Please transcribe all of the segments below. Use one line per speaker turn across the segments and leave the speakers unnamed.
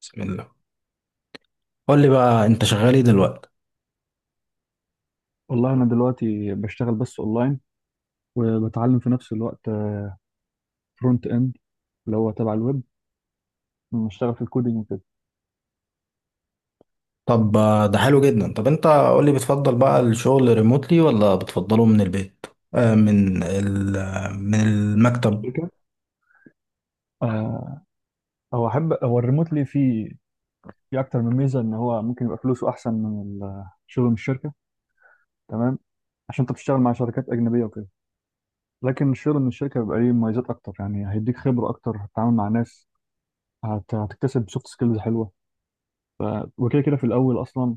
بسم الله. قول لي بقى انت شغال ايه دلوقتي؟
والله انا دلوقتي بشتغل بس اونلاين، وبتعلم في نفس الوقت فرونت اند اللي هو تبع الويب. بشتغل في الكودينج وكده
طب ده حلو جدا. طب انت قول لي، بتفضل بقى الشغل ريموتلي ولا بتفضله من البيت؟ آه من ال آه، من المكتب.
شركة. آه، هو احب هو الريموتلي فيه، في اكتر من ميزه ان هو ممكن يبقى فلوسه احسن من الشغل من الشركه. تمام، عشان انت بتشتغل مع شركات اجنبيه وكده، لكن الشغل من الشركه بيبقى ليه مميزات اكتر، يعني هيديك خبره اكتر، هتتعامل مع ناس، هتكتسب سوفت سكيلز حلوه. ف... وكده كده في الاول اصلا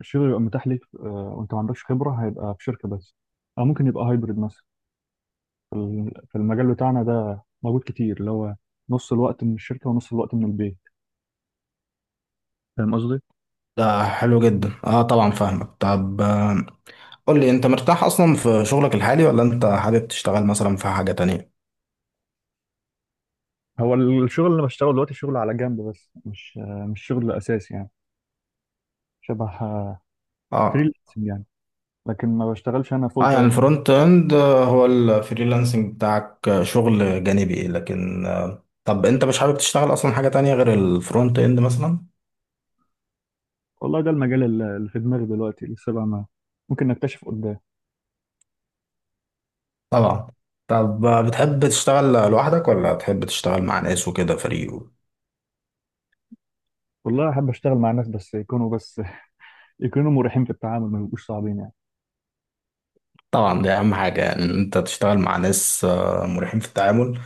الشغل يبقى متاح ليك، وانت ما عندكش خبره هيبقى في شركه بس، او ممكن يبقى هايبرد مثلا. في المجال بتاعنا ده موجود كتير، اللي هو نص الوقت من الشركة ونص الوقت من البيت. فاهم قصدي؟
ده حلو جدا. اه، طبعا فاهمك. طب قول لي، انت مرتاح اصلا في شغلك الحالي ولا انت حابب تشتغل مثلا في حاجة تانية؟
الشغل اللي بشتغله دلوقتي شغل على جنب، بس مش شغل أساسي يعني. شبه
اه.
فريلانسنج يعني، لكن ما بشتغلش أنا فول
اه، يعني
تايم.
الفرونت اند هو الفريلانسنج بتاعك، شغل جانبي. لكن طب انت مش حابب تشتغل اصلا حاجة تانية غير الفرونت اند مثلا؟
والله ده المجال اللي في دماغي دلوقتي، لسه بقى ما، ممكن نكتشف قدام.
طبعا. طب بتحب تشتغل لوحدك ولا بتحب تشتغل مع ناس وكده، فريق
والله أحب أشتغل مع ناس، بس يكونوا يكونوا مريحين في التعامل، ما يبقوش صعبين يعني.
طبعا، دي اهم حاجة، يعني ان انت تشتغل مع ناس مريحين في التعامل.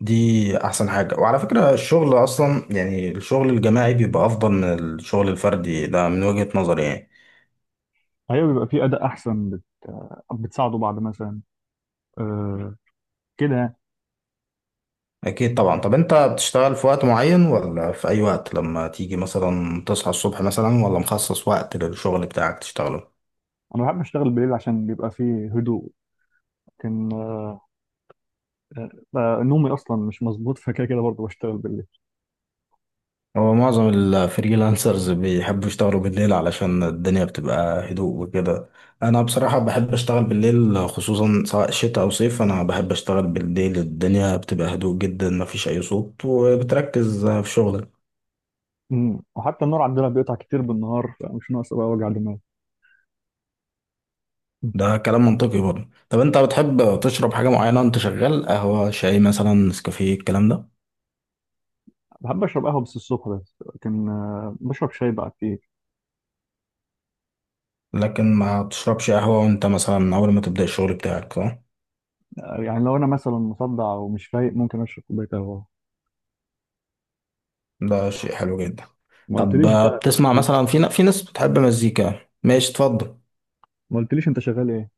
دي احسن حاجة. وعلى فكرة الشغل اصلا، يعني الشغل الجماعي بيبقى افضل من الشغل الفردي، ده من وجهة نظري يعني.
أيوة بيبقى في أداء أحسن، بتساعدوا بعض مثلا. أه كده يعني.
اكيد طبعا. طب انت بتشتغل في وقت معين ولا في اي وقت لما تيجي مثلا تصحى الصبح مثلا، ولا مخصص وقت للشغل بتاعك تشتغله؟
أنا بحب أشتغل بالليل عشان بيبقى فيه هدوء، لكن نومي اصلا مش مظبوط، فكده كده برضه بشتغل بالليل.
هو معظم الفريلانسرز بيحبوا يشتغلوا بالليل علشان الدنيا بتبقى هدوء وكده. انا بصراحة بحب اشتغل بالليل، خصوصا سواء شتاء او صيف. انا بحب اشتغل بالليل، الدنيا بتبقى هدوء جدا، مفيش اي صوت، وبتركز في شغلك.
وحتى النور عندنا بيقطع كتير بالنهار، فمش ناقص بقى وجع دماغ. مم.
ده كلام منطقي برضه. طب انت بتحب تشرب حاجة معينة وانت شغال؟ قهوة، شاي مثلا، نسكافيه، الكلام ده.
بحب اشرب قهوه بس الصبح بس، لكن بشرب شاي بقى كتير.
لكن ما تشربش قهوة وانت مثلا اول ما تبدأ الشغل بتاعك، صح؟
يعني لو انا مثلا مصدع ومش فايق ممكن اشرب كوبايه قهوه.
ده شيء حلو جدا.
ما
طب
قلتليش بقى.
بتسمع مثلا في في ناس بتحب مزيكا؟ ماشي، اتفضل.
ما قلتليش انت شغال ايه.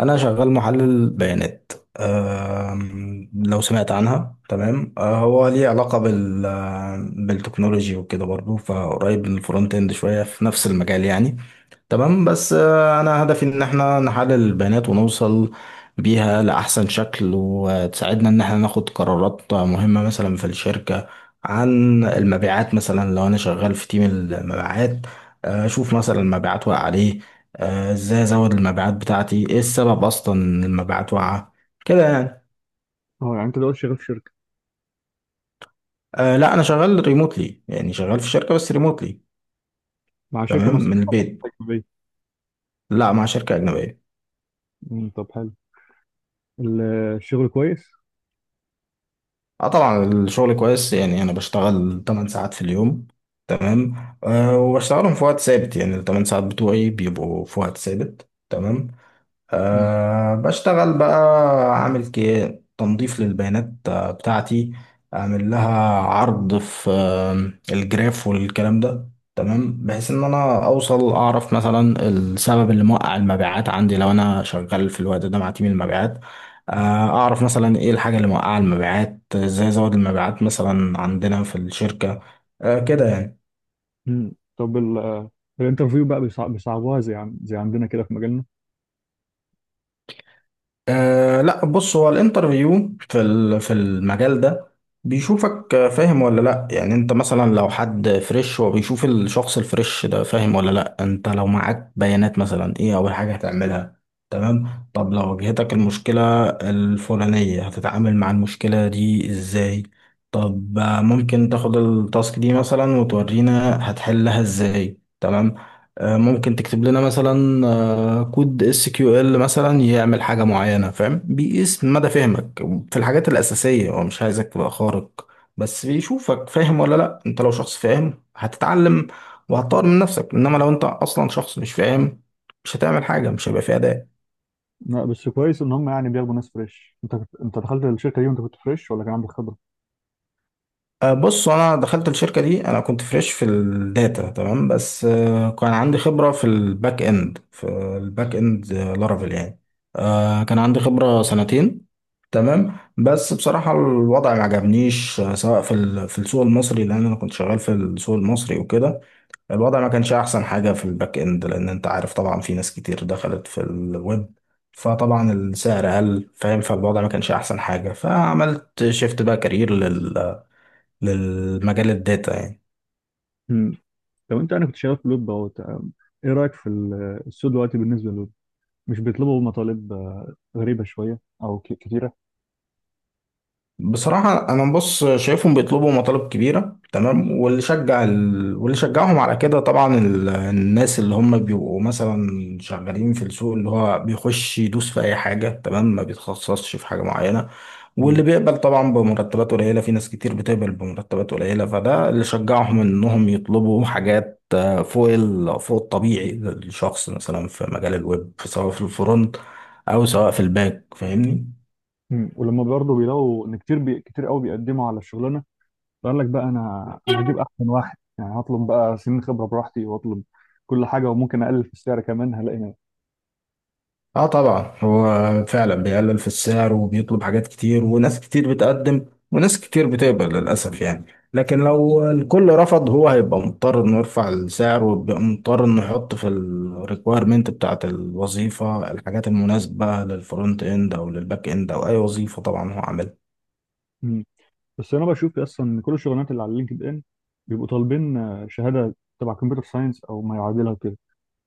انا شغال محلل بيانات. لو سمعت عنها تمام. هو ليه علاقة بالتكنولوجي وكده برضو، فقريب من الفرونت اند شوية، في نفس المجال يعني. تمام. بس انا هدفي ان احنا نحلل البيانات ونوصل بيها لاحسن شكل، وتساعدنا ان احنا ناخد قرارات مهمة مثلا في الشركة. عن المبيعات، مثلا لو انا شغال في تيم المبيعات، اشوف مثلا المبيعات واقعة عليه، ازاي ازود المبيعات بتاعتي، ايه السبب اصلا ان المبيعات واقعة، كده يعني.
اه يعني انت دلوقتي شغال في شركه؟
أه لا، انا شغال ريموتلي، يعني شغال في شركة بس ريموتلي.
مع شركه
تمام،
مصريه
من البيت.
ولا أجنبية؟
لا، مع شركة أجنبية.
مم، طب حلو. ال- الشغل كويس.
اه طبعا، الشغل كويس. يعني انا بشتغل 8 ساعات في اليوم، تمام. أه، وبشتغلهم في وقت ثابت، يعني ال 8 ساعات بتوعي بيبقوا في وقت ثابت، تمام.
مم.
أه، بشتغل بقى عامل كي، تنظيف للبيانات بتاعتي. اعمل لها عرض في الجراف والكلام ده، تمام، بحيث ان انا اوصل اعرف مثلا السبب اللي موقع المبيعات عندي، لو انا شغال في الوقت ده مع تيم المبيعات. آه، اعرف مثلا ايه الحاجة اللي موقعة المبيعات، ازاي ازود المبيعات مثلا عندنا في الشركة. أه، كده يعني.
مم. طب الانترفيو بقى بيصعبوها زي عندنا كده في مجالنا؟
أه لا، بص، هو الانترفيو في المجال ده بيشوفك فاهم ولا لا. يعني انت مثلا، لو حد فريش، هو بيشوف الشخص الفريش ده فاهم ولا لا. انت لو معاك بيانات مثلا، ايه اول حاجة هتعملها؟ تمام. طب لو واجهتك المشكلة الفلانية، هتتعامل مع المشكلة دي ازاي؟ طب ممكن تاخد التاسك دي مثلا وتورينا هتحلها ازاي، تمام. ممكن تكتب لنا مثلا كود اس كيو ال مثلا يعمل حاجه معينه، فاهم، بيقيس مدى فهمك في الحاجات الاساسيه، هو مش عايزك تبقى خارق، بس بيشوفك فاهم ولا لا. انت لو شخص فاهم، هتتعلم وهتطور من نفسك. انما لو انت اصلا شخص مش فاهم، مش هتعمل حاجه، مش هيبقى فيها اداء.
لا بس كويس ان هم يعني بياخدوا ناس فريش. انت كنت... انت دخلت الشركه دي وانت كنت فريش ولا كان عندك خبره؟
بص، انا دخلت الشركه دي انا كنت فريش في الداتا، تمام. بس كان عندي خبره في الباك اند، في الباك اند لارافيل يعني. كان عندي خبره سنتين، تمام. بس بصراحه الوضع ما عجبنيش، سواء في السوق المصري، لان انا كنت شغال في السوق المصري وكده. الوضع ما كانش احسن حاجه في الباك اند، لان انت عارف طبعا، في ناس كتير دخلت في الويب، فطبعا السعر قل، فاهم، فالوضع ما كانش احسن حاجه، فعملت شيفت بقى كارير للمجال الداتا يعني.
مم. لو انت، انا كنت شغال في لوب اهو تمام. ايه رايك في السوق دلوقتي بالنسبه للوب؟ مش بيطلبوا مطالب غريبه شويه او كتيره؟
بصراحة، أنا بص شايفهم بيطلبوا مطالب كبيرة، تمام. واللي شجعهم على كده طبعا، الناس اللي هم بيبقوا مثلا شغالين في السوق، اللي هو بيخش يدوس في أي حاجة، تمام، ما بيتخصصش في حاجة معينة. واللي
مم.
بيقبل طبعا بمرتبات قليلة، في ناس كتير بتقبل بمرتبات قليلة، فده اللي شجعهم إنهم يطلبوا حاجات فوق الطبيعي للشخص مثلا في مجال الويب، سواء في الفرونت، أو سواء في الباك، فاهمني؟
مم. ولما برضه بيلاقوا ان كتير، كتير قوي بيقدموا على الشغلانه، فقال لك بقى انا، هجيب احسن واحد يعني، هطلب بقى سنين خبره براحتي واطلب كل حاجه، وممكن اقلل في السعر كمان هلاقي
اه طبعا، هو فعلا بيقلل في السعر وبيطلب حاجات كتير، وناس كتير بتقدم، وناس كتير بتقبل للأسف يعني. لكن لو الكل رفض، هو هيبقى مضطر انه يرفع السعر، ويبقى مضطر انه يحط في الريكويرمنت بتاعت الوظيفة الحاجات المناسبة للفرونت اند او للباك اند، او اي وظيفة طبعا هو عاملها.
ناس. بس انا بشوف اصلا ان كل الشغلانات اللي على لينكد ان بيبقوا طالبين شهاده تبع كمبيوتر ساينس او ما يعادلها كده.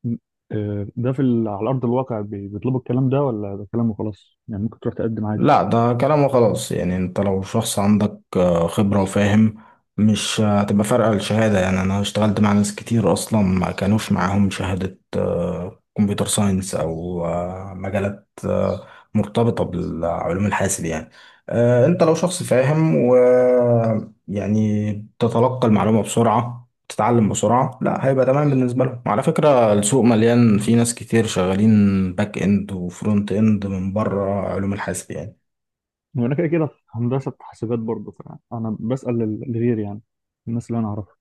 م- ده في على ارض الواقع بيطلبوا الكلام ده، ولا ده كلام وخلاص يعني ممكن تروح تقدم عادي؟
لا، ده كلامه خلاص. يعني انت لو شخص عندك خبرة وفاهم، مش هتبقى فارقة الشهادة. يعني انا اشتغلت مع ناس كتير اصلا ما كانوش معاهم شهادة كمبيوتر ساينس، او مجالات مرتبطة بالعلوم الحاسب يعني. انت لو شخص فاهم، و يعني تتلقى المعلومة بسرعة، تتعلم بسرعة، لا هيبقى تمام بالنسبة لهم. وعلى فكرة السوق مليان، في ناس كتير شغالين باك اند وفرونت اند من بره علوم الحاسب يعني.
وانا كده كده في هندسه حاسبات برضه، فانا بسال لغيري يعني، الناس اللي انا اعرفها.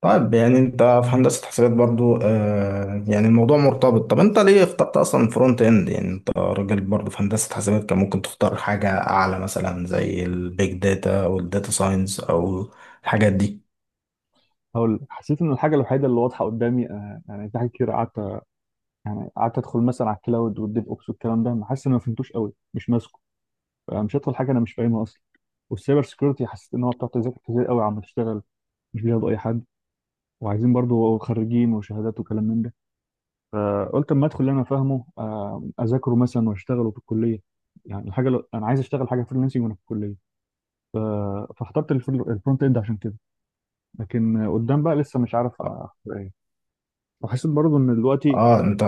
طيب، يعني انت في هندسة حسابات برضو، يعني الموضوع مرتبط. طب انت ليه اخترت اصلا فرونت اند؟ يعني انت راجل برضو في هندسة حسابات، كان ممكن تختار حاجة اعلى، مثلا زي البيج داتا والداتا ساينس، او الحاجات دي.
هقول لك، حسيت ان الحاجه الوحيده اللي واضحه قدامي، يعني في حاجات كتير قعدت ادخل مثلا على الكلاود والديف اوبس والكلام ده، ما حاسس ان أنا ما فهمتوش قوي، مش ماسكه. مش هدخل حاجه انا مش فاهمها اصلا. والسايبر سكيورتي حسيت ان هو بتاع تذاكر كتير قوي عم تشتغل، مش بياخدوا اي حد، وعايزين برضو خريجين وشهادات وكلام من ده. فقلت اما ادخل اللي انا فاهمه، اذاكره مثلا واشتغله في الكليه، يعني الحاجه لو انا عايز اشتغل حاجه فريلانسنج وانا في الكليه. ف... فاخترت الفرونت اند عشان كده، لكن قدام بقى لسه مش عارف
اه،
اختار ايه. وحسيت برضو ان دلوقتي
انت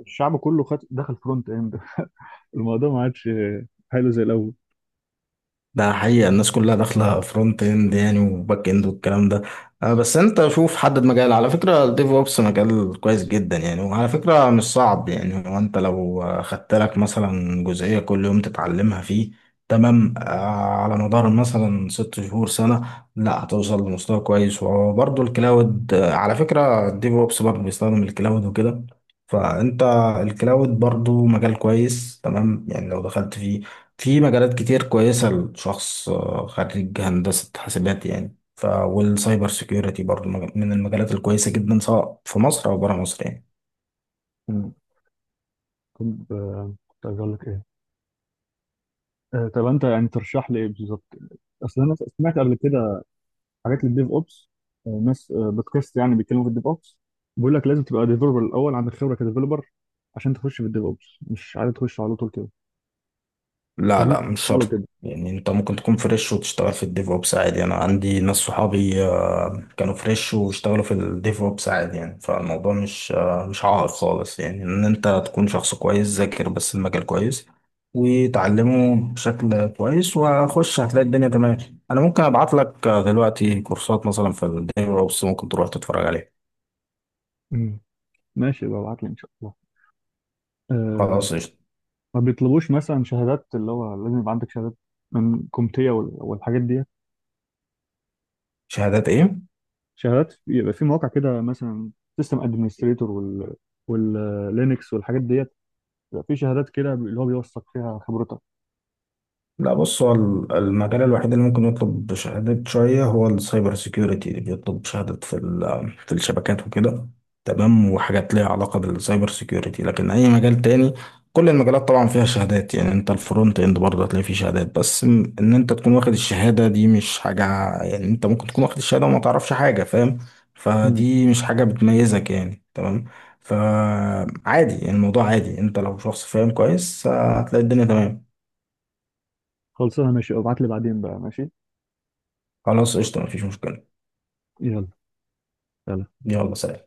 الشعب كله خد دخل فرونت اند. الموضوع ما عادش حلو زي الاول.
ده حقيقة، الناس كلها داخلة فرونت اند يعني، وباك اند والكلام ده. بس انت شوف، حدد مجال. على فكرة الديف اوبس مجال كويس جدا يعني، وعلى فكرة مش صعب. يعني هو انت لو خدت لك مثلا جزئية كل يوم تتعلمها فيه، تمام، على مدار مثلا 6 شهور، سنة، لا هتوصل لمستوى كويس. وبرضه الكلاود، على فكرة الديف اوبس برضه بيستخدم الكلاود وكده، فانت الكلاود برضه مجال كويس، تمام يعني لو دخلت فيه. في مجالات كتير كويسة لشخص خريج هندسة حاسبات يعني. والسايبر سيكيورتي برضو من المجالات الكويسة جدا، سواء في مصر أو برا مصر يعني.
مم. كنت كنت عايز اقول لك ايه. طب انت يعني ترشح لي ايه بالظبط؟ اصل انا سمعت قبل كده حاجات للديف اوبس، ناس بودكاست يعني بيتكلموا في الديف اوبس، بيقول لك لازم تبقى ديفلوبر الاول، عندك خبره كديفلوبر عشان تخش في الديف اوبس، مش عايز تخش على طول كده.
لا،
فهم.
لا، مش
قالوا
شرط.
كده.
يعني انت ممكن تكون فريش وتشتغل في الديف اوبس عادي. انا عندي ناس صحابي كانوا فريش واشتغلوا في الديف اوبس عادي يعني. فالموضوع مش عائق خالص، يعني ان انت تكون شخص كويس ذاكر بس المجال كويس وتعلمه بشكل كويس، وخش هتلاقي الدنيا تمام. انا ممكن ابعت لك دلوقتي كورسات مثلا في الديف اوبس، ممكن تروح تتفرج عليها.
مم. ماشي بقى ابعت لي ان شاء الله. أه.
خلاص قشطة.
ما بيطلبوش مثلا شهادات اللي هو لازم يبقى عندك شهادات من كومتيا والحاجات دي؟
شهادات ايه؟
شهادات يبقى في مواقع كده مثلا سيستم ادمنستريتور واللينكس والحاجات ديت. يبقى في شهادات كده اللي هو بيوثق فيها خبرتك.
لا، بص، هو المجال الوحيد اللي ممكن يطلب شهادة شوية هو السايبر سيكيورتي، اللي بيطلب شهادة في الشبكات وكده، تمام، وحاجات ليها علاقة بالسايبر سيكيورتي. لكن أي مجال تاني، كل المجالات طبعا فيها شهادات يعني. أنت الفرونت إند برضه هتلاقي فيه شهادات، بس إن أنت تكون واخد الشهادة دي مش حاجة. يعني أنت ممكن تكون واخد الشهادة وما تعرفش حاجة، فاهم.
مم.
فدي مش حاجة بتميزك يعني، تمام. فعادي يعني، الموضوع عادي. أنت لو شخص فاهم كويس هتلاقي الدنيا تمام.
خلصانه ماشي، ابعت لي بعدين بقى. ماشي.
خلاص قشطة، مفيش مشكلة.
يلا. يلا.
يلا، سلام.